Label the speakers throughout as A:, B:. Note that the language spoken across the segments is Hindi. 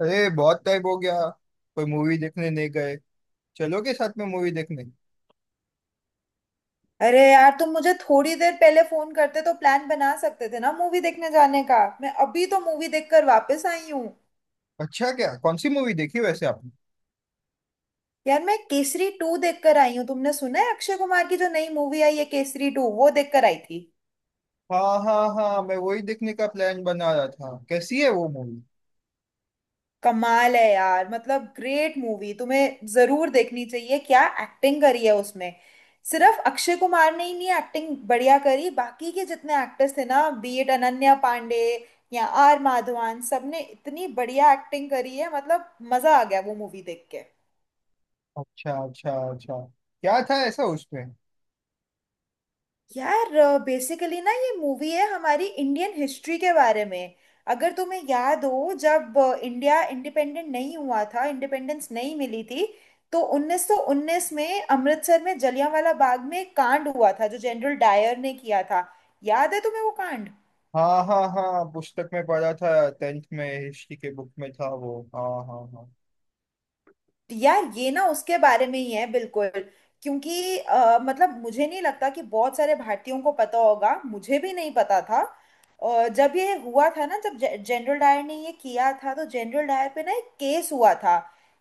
A: अरे बहुत टाइम हो गया। कोई मूवी देखने नहीं गए। चलोगे साथ में मूवी देखने।
B: अरे यार तुम मुझे थोड़ी देर पहले फोन करते तो प्लान बना सकते थे ना मूवी देखने जाने का। मैं अभी तो मूवी देखकर वापस आई हूँ।
A: अच्छा क्या कौन सी मूवी देखी वैसे आपने।
B: यार मैं केसरी टू देखकर आई हूँ। तुमने सुना है अक्षय कुमार की जो नई मूवी आई है केसरी टू, वो देखकर आई थी।
A: हाँ हाँ हाँ मैं वही देखने का प्लान बना रहा था। कैसी है वो मूवी।
B: कमाल है यार, मतलब ग्रेट मूवी, तुम्हें जरूर देखनी चाहिए। क्या एक्टिंग करी है उसमें! सिर्फ अक्षय कुमार ने ही नहीं एक्टिंग बढ़िया करी, बाकी के जितने एक्टर्स थे ना, बी इट अनन्या पांडे या आर माधवन, सबने इतनी बढ़िया एक्टिंग करी है। मतलब मजा आ गया वो मूवी देख के।
A: अच्छा अच्छा अच्छा। क्या था ऐसा उसमें।
B: यार बेसिकली ना ये मूवी है हमारी इंडियन हिस्ट्री के बारे में। अगर तुम्हें याद हो, जब इंडिया इंडिपेंडेंट नहीं हुआ था, इंडिपेंडेंस नहीं मिली थी, तो 1919 में अमृतसर में जलियांवाला बाग में एक कांड हुआ था जो जनरल डायर ने किया था। याद है तुम्हें वो कांड?
A: हाँ हाँ हाँ पुस्तक में पढ़ा था। टेंथ में हिस्ट्री के बुक में था वो। हाँ हाँ हाँ।
B: यार ये ना उसके बारे में ही है बिल्कुल। क्योंकि मतलब मुझे नहीं लगता कि बहुत सारे भारतीयों को पता होगा, मुझे भी नहीं पता था। और जब ये हुआ था ना, जब जनरल डायर ने ये किया था तो जनरल डायर पे ना एक केस हुआ था,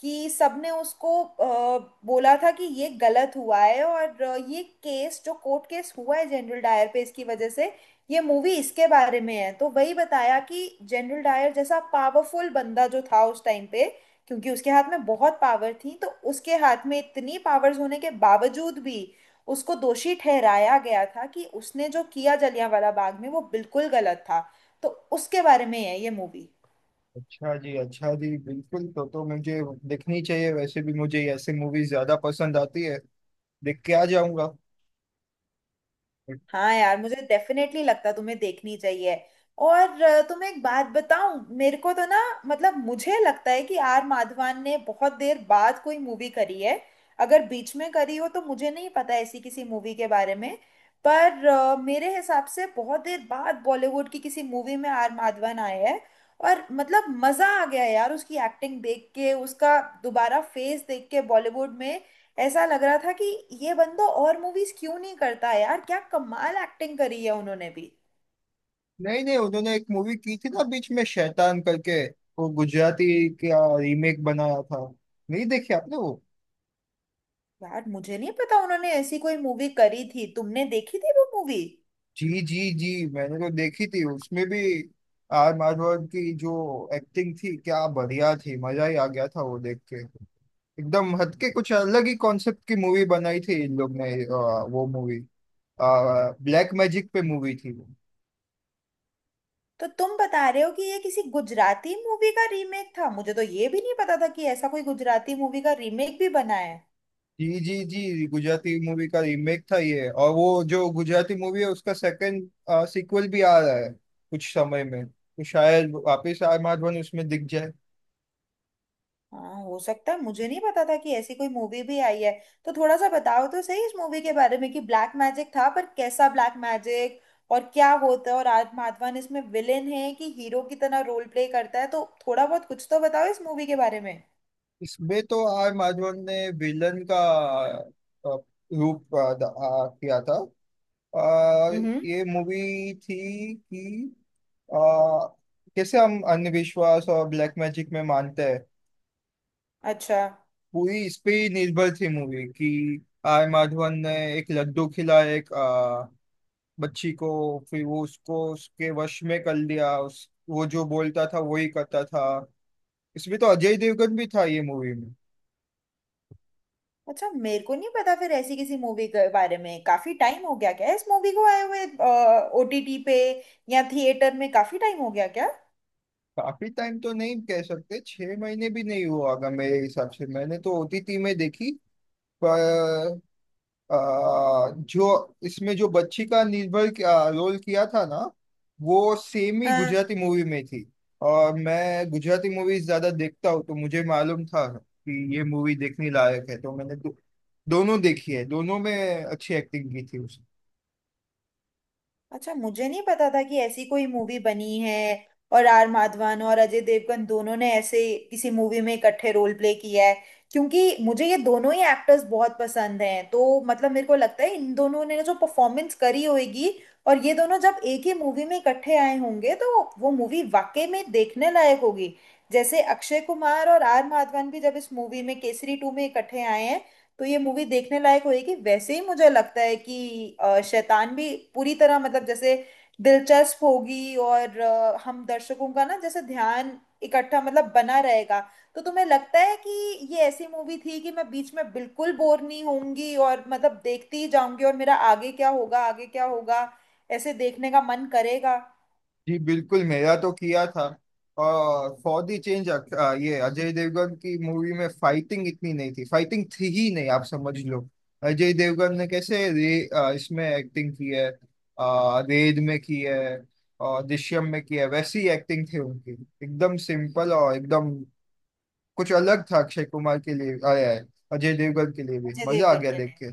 B: कि सबने उसको बोला था कि ये गलत हुआ है। और ये केस जो कोर्ट केस हुआ है जनरल डायर पे, इसकी वजह से ये मूवी इसके बारे में है। तो वही बताया कि जनरल डायर जैसा पावरफुल बंदा जो था उस टाइम पे, क्योंकि उसके हाथ में बहुत पावर थी, तो उसके हाथ में इतनी पावर्स होने के बावजूद भी उसको दोषी ठहराया गया था कि उसने जो किया जलियांवाला बाग में वो बिल्कुल गलत था। तो उसके बारे में है ये मूवी।
A: अच्छा जी अच्छा जी बिल्कुल। तो मुझे देखनी चाहिए। वैसे भी मुझे ऐसे मूवी ज्यादा पसंद आती है। देख के आ जाऊंगा।
B: हाँ यार, मुझे डेफिनेटली लगता तुम्हें देखनी चाहिए। और तुम्हें एक बात बताऊं, मेरे को तो ना मतलब मुझे लगता है कि आर माधवन ने बहुत देर बाद कोई मूवी करी है। अगर बीच में करी हो तो मुझे नहीं पता ऐसी किसी मूवी के बारे में। पर मेरे हिसाब से बहुत देर बाद बॉलीवुड की किसी मूवी में आर माधवन आए हैं। और मतलब मजा आ गया यार उसकी एक्टिंग देख के, उसका दोबारा फेस देख के बॉलीवुड में। ऐसा लग रहा था कि ये बंदा और मूवीज क्यों नहीं करता है यार, क्या कमाल एक्टिंग करी है उन्होंने भी।
A: नहीं नहीं उन्होंने एक मूवी की थी ना बीच में शैतान करके। वो गुजराती का रीमेक बनाया था। नहीं देखी आपने वो।
B: यार मुझे नहीं पता उन्होंने ऐसी कोई मूवी करी थी। तुमने देखी थी वो मूवी?
A: जी जी जी। मैंने तो देखी थी। उसमें भी आर माधवन की जो एक्टिंग थी क्या बढ़िया थी। मजा ही आ गया था वो देख के। एकदम हटके कुछ अलग ही कॉन्सेप्ट की मूवी बनाई थी इन लोग ने वो मूवी। ब्लैक मैजिक पे मूवी थी।
B: तो तुम बता रहे हो कि ये किसी गुजराती मूवी का रीमेक था। मुझे तो ये भी नहीं पता था कि ऐसा कोई गुजराती मूवी का रीमेक भी बना है।
A: जी जी जी। गुजराती मूवी का रीमेक था ये। और वो जो गुजराती मूवी है उसका सेकंड सीक्वल भी आ रहा है। कुछ समय में तो शायद वापस आर माधवन उसमें दिख जाए।
B: हाँ हो सकता है, मुझे नहीं पता था कि ऐसी कोई मूवी भी आई है। तो थोड़ा सा बताओ तो सही इस मूवी के बारे में कि ब्लैक मैजिक था पर कैसा ब्लैक मैजिक और क्या होता है, और आज माधवन इसमें विलेन है कि हीरो की तरह रोल प्ले करता है? तो थोड़ा बहुत कुछ तो बताओ इस मूवी के बारे में।
A: इसमें तो आर माधवन ने विलन का अ, रूप किया था। अ,
B: हम्म।
A: ये मूवी थी कि अ, कैसे हम अंधविश्वास और ब्लैक मैजिक में मानते हैं।
B: अच्छा
A: पूरी इस पे ही निर्भर थी मूवी कि आर माधवन ने एक लड्डू खिला एक बच्ची को। फिर वो उसको उसके वश में कर लिया। उस वो जो बोलता था वही करता था। इसमें तो अजय देवगन भी था ये मूवी में।
B: अच्छा मेरे को नहीं पता फिर ऐसी किसी मूवी के बारे में। काफी टाइम हो गया क्या इस मूवी को आए हुए? ओटीटी पे या थिएटर में, काफी टाइम हो गया क्या?
A: काफी टाइम तो नहीं कह सकते। 6 महीने भी नहीं हुआ होगा मेरे हिसाब से। मैंने तो ओटीटी में देखी। पर अ, जो इसमें जो बच्ची का रोल किया था ना वो सेम ही
B: हाँ।
A: गुजराती मूवी में थी। और मैं गुजराती मूवी ज्यादा देखता हूँ। तो मुझे मालूम था कि ये मूवी देखने लायक है। तो मैंने दोनों देखी है। दोनों में अच्छी एक्टिंग की थी उसने।
B: अच्छा मुझे नहीं पता था कि ऐसी कोई मूवी बनी है। और आर माधवन और अजय देवगन दोनों ने ऐसे किसी मूवी में इकट्ठे रोल प्ले किया है। क्योंकि मुझे ये दोनों ही एक्टर्स बहुत पसंद हैं, तो मतलब मेरे को लगता है इन दोनों ने जो परफॉर्मेंस करी होगी और ये दोनों जब एक ही मूवी में इकट्ठे आए होंगे, तो वो मूवी वाकई में देखने लायक होगी। जैसे अक्षय कुमार और आर माधवन भी जब इस मूवी में केसरी टू में इकट्ठे आए हैं, तो ये मूवी देखने लायक होगी, वैसे ही मुझे लगता है कि शैतान भी पूरी तरह मतलब जैसे दिलचस्प होगी और हम दर्शकों का ना जैसे ध्यान इकट्ठा मतलब बना रहेगा। तो तुम्हें लगता है कि ये ऐसी मूवी थी कि मैं बीच में बिल्कुल बोर नहीं होंगी और मतलब देखती ही जाऊंगी और मेरा आगे क्या होगा ऐसे देखने का मन करेगा?
A: जी बिल्कुल मेरा तो किया था। और फॉर द चेंज ये अजय देवगन की मूवी में फाइटिंग इतनी नहीं थी। फाइटिंग थी ही नहीं आप समझ लो। अजय देवगन ने कैसे रे, इसमें एक्टिंग की है, रेड में की है और दृश्यम में की है वैसी एक्टिंग थी उनकी। एकदम सिंपल और एकदम कुछ अलग था। अक्षय कुमार के लिए आया है, अजय देवगन के लिए भी
B: अजय
A: मजा आ
B: देवगन
A: गया
B: के
A: देख
B: लिए
A: के।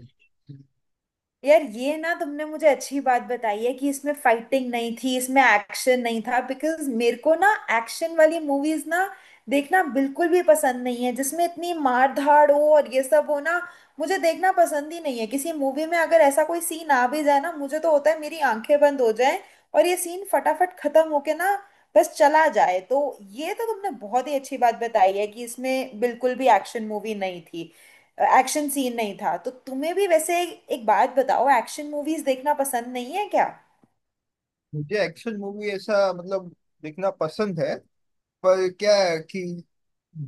B: यार, ये ना तुमने मुझे अच्छी बात बताई है कि इसमें फाइटिंग नहीं थी, इसमें एक्शन नहीं था। बिकॉज मेरे को ना एक्शन वाली मूवीज ना देखना बिल्कुल भी पसंद नहीं है, जिसमें इतनी मार धाड़ हो और ये सब हो ना। मुझे देखना पसंद ही नहीं है, किसी मूवी में अगर ऐसा कोई सीन आ भी जाए ना मुझे तो होता है मेरी आंखें बंद हो जाए और ये सीन फटाफट खत्म होके ना बस चला जाए। तो ये तो तुमने बहुत ही अच्छी बात बताई है कि इसमें बिल्कुल भी एक्शन मूवी नहीं थी, एक्शन सीन नहीं था। तो तुम्हें भी वैसे एक बात बताओ, एक्शन मूवीज देखना पसंद नहीं है क्या?
A: मुझे एक्शन मूवी ऐसा मतलब देखना पसंद है। पर क्या है कि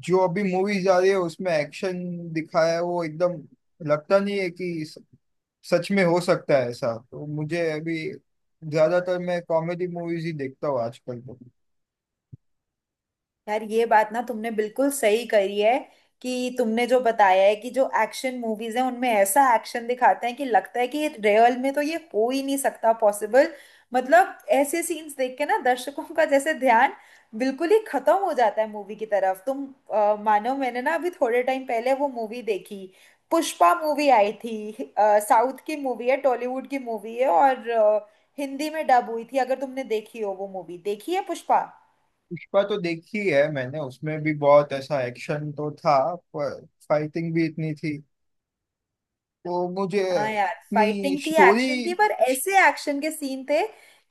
A: जो अभी मूवीज आ रही है उसमें एक्शन दिखाया है वो एकदम लगता नहीं है कि सच में हो सकता है ऐसा। तो मुझे अभी ज्यादातर मैं कॉमेडी मूवीज ही देखता हूँ आजकल तो।
B: यार ये बात ना तुमने बिल्कुल सही करी है कि तुमने जो बताया है कि जो एक्शन मूवीज हैं उनमें ऐसा एक्शन दिखाते हैं कि लगता है कि रियल में तो ये हो ही नहीं सकता पॉसिबल। मतलब ऐसे सीन्स देख के ना दर्शकों का जैसे ध्यान बिल्कुल ही खत्म हो जाता है मूवी की तरफ, तुम मानो मैंने ना अभी थोड़े टाइम पहले वो मूवी देखी, पुष्पा मूवी आई थी। साउथ की मूवी है, टॉलीवुड की मूवी है, और हिंदी में डब हुई थी। अगर तुमने देखी हो वो मूवी, देखी है पुष्पा?
A: पुष्पा तो देखी है मैंने। उसमें भी बहुत ऐसा एक्शन तो था पर फाइटिंग भी इतनी थी तो मुझे
B: हाँ यार,
A: इतनी
B: फाइटिंग थी
A: स्टोरी।
B: एक्शन थी पर ऐसे एक्शन के सीन थे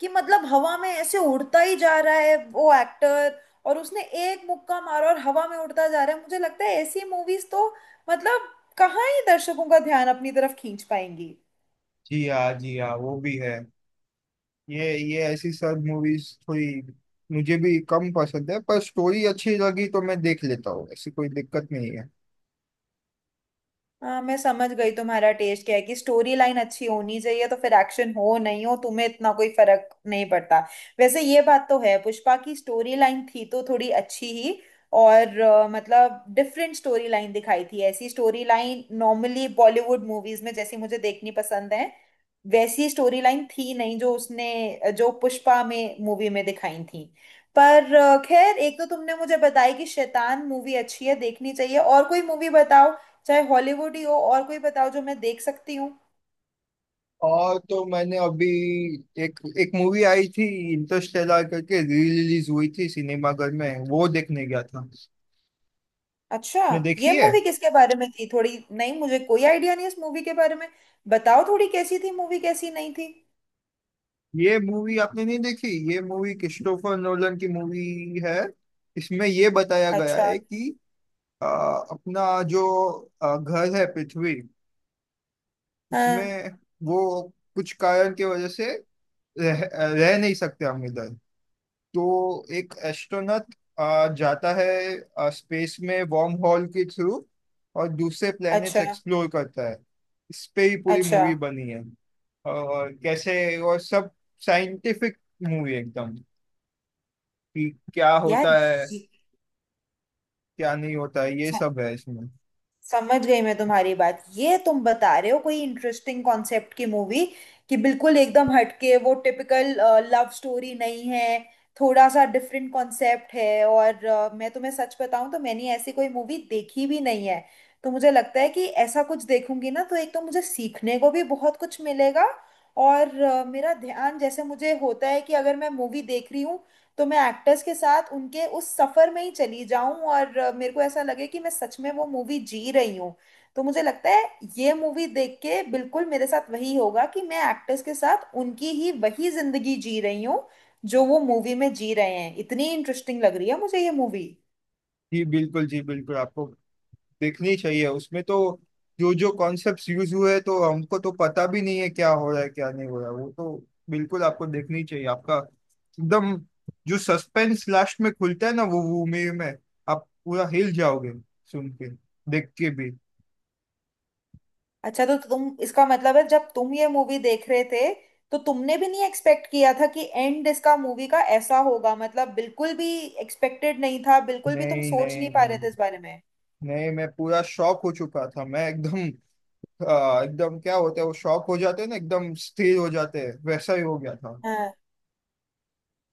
B: कि मतलब हवा में ऐसे उड़ता ही जा रहा है वो एक्टर, और उसने एक मुक्का मारा और हवा में उड़ता जा रहा है। मुझे लगता है ऐसी मूवीज तो मतलब कहाँ ही दर्शकों का ध्यान अपनी तरफ खींच पाएंगी।
A: जी हाँ जी हाँ वो भी है। ये ऐसी सब मूवीज थोड़ी मुझे भी कम पसंद है। पर स्टोरी अच्छी लगी तो मैं देख लेता हूँ। ऐसी कोई दिक्कत नहीं है।
B: हाँ मैं समझ गई तुम्हारा टेस्ट क्या है, कि स्टोरी लाइन अच्छी होनी चाहिए तो फिर एक्शन हो नहीं हो तुम्हें इतना कोई फर्क नहीं पड़ता। वैसे ये बात तो है, पुष्पा की स्टोरी लाइन थी तो थोड़ी अच्छी ही, और मतलब डिफरेंट स्टोरी लाइन दिखाई थी। ऐसी story line normally Bollywood movies में जैसी मुझे देखनी पसंद है वैसी स्टोरी लाइन थी नहीं, जो उसने जो पुष्पा में मूवी में दिखाई थी। पर खैर, एक तो तुमने मुझे बताई कि शैतान मूवी अच्छी है देखनी चाहिए, और कोई मूवी बताओ, चाहे हॉलीवुड ही हो, और कोई बताओ जो मैं देख सकती हूँ।
A: और तो मैंने अभी एक एक मूवी आई थी इंटरस्टेलर करके। री रिलीज हुई थी सिनेमाघर में। वो देखने गया था आपने।
B: अच्छा, ये
A: देखी
B: मूवी
A: है।
B: किसके बारे में थी? थोड़ी, नहीं मुझे कोई आइडिया नहीं इस मूवी के बारे में। बताओ थोड़ी कैसी थी मूवी, कैसी नहीं थी।
A: ये मूवी आपने नहीं देखी। ये मूवी क्रिस्टोफर नोलन की मूवी है। इसमें ये बताया गया
B: अच्छा।
A: है कि अ, अपना जो घर है पृथ्वी।
B: हाँ।
A: उसमें वो कुछ कारण की वजह से रह, रह नहीं सकते हम इधर। तो एक एस्ट्रोनॉट जाता है स्पेस में वॉर्म हॉल के थ्रू। और दूसरे प्लैनेट्स
B: अच्छा
A: एक्सप्लोर करता है। इस पे ही पूरी
B: अच्छा।
A: मूवी बनी है। और कैसे और सब साइंटिफिक मूवी एकदम। कि क्या
B: यार
A: होता है
B: ये-
A: क्या नहीं होता है ये सब है इसमें।
B: समझ गई मैं तुम्हारी बात, ये तुम बता रहे हो कोई इंटरेस्टिंग कॉन्सेप्ट की मूवी कि बिल्कुल एकदम हटके, वो टिपिकल लव स्टोरी नहीं है, थोड़ा सा डिफरेंट कॉन्सेप्ट है। और मैं तुम्हें सच बताऊं तो मैंने ऐसी कोई मूवी देखी भी नहीं है। तो मुझे लगता है कि ऐसा कुछ देखूंगी ना तो एक तो मुझे सीखने को भी बहुत कुछ मिलेगा, और मेरा ध्यान जैसे मुझे होता है कि अगर मैं मूवी देख रही हूँ तो मैं एक्टर्स के साथ उनके उस सफर में ही चली जाऊं, और मेरे को ऐसा लगे कि मैं सच में वो मूवी जी रही हूं। तो मुझे लगता है ये मूवी देख के बिल्कुल मेरे साथ वही होगा कि मैं एक्टर्स के साथ उनकी ही वही जिंदगी जी रही हूँ जो वो मूवी में जी रहे हैं। इतनी इंटरेस्टिंग लग रही है मुझे ये मूवी।
A: जी बिल्कुल आपको देखनी चाहिए। उसमें तो जो जो कॉन्सेप्ट्स यूज हुए हैं, तो हमको तो पता भी नहीं है क्या हो रहा है क्या नहीं हो रहा है। वो तो बिल्कुल आपको देखनी चाहिए। आपका एकदम जो सस्पेंस लास्ट में खुलता है ना वो मूवी में आप पूरा हिल जाओगे सुन के, देख के भी।
B: अच्छा तो तुम इसका मतलब है जब तुम ये मूवी देख रहे थे तो तुमने भी नहीं एक्सपेक्ट किया था कि एंड इसका मूवी का ऐसा होगा, मतलब बिल्कुल भी एक्सपेक्टेड नहीं था, बिल्कुल भी तुम
A: नहीं
B: सोच नहीं
A: नहीं
B: पा रहे
A: नहीं।
B: थे इस बारे में।
A: नहीं मैं पूरा शॉक हो चुका था। मैं एकदम एकदम क्या होता है वो शॉक हो जाते हैं ना, एकदम स्थिर हो जाते हैं, वैसा ही हो गया था।
B: हाँ।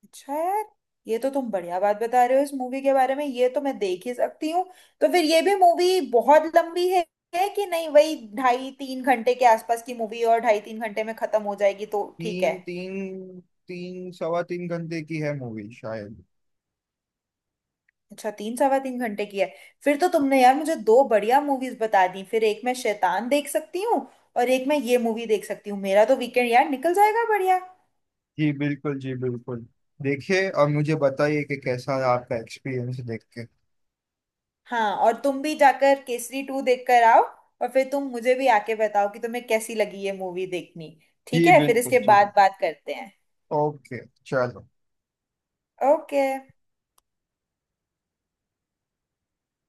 B: अच्छा यार, ये तो तुम बढ़िया बात बता रहे हो इस मूवी के बारे में, ये तो मैं देख ही सकती हूँ। तो फिर ये भी मूवी बहुत लंबी है कि नहीं, वही ढाई तीन घंटे के आसपास की मूवी, और ढाई तीन घंटे में खत्म हो जाएगी तो ठीक है।
A: तीन तीन तीन 3¼ घंटे की है मूवी शायद।
B: अच्छा तीन सवा तीन घंटे की है। फिर तो तुमने यार मुझे दो बढ़िया मूवीज बता दी, फिर एक मैं शैतान देख सकती हूँ और एक मैं ये मूवी देख सकती हूँ, मेरा तो वीकेंड यार निकल जाएगा बढ़िया।
A: जी बिल्कुल जी बिल्कुल। देखिए और मुझे बताइए कि कैसा है आपका एक्सपीरियंस देख के।
B: हाँ और तुम भी जाकर केसरी टू देख कर आओ, और फिर तुम मुझे भी आके बताओ कि तुम्हें कैसी लगी ये मूवी देखनी। ठीक
A: जी
B: है? फिर
A: बिल्कुल
B: इसके
A: जी बिल्कुल।
B: बाद बात करते हैं।
A: ओके चलो।
B: ओके।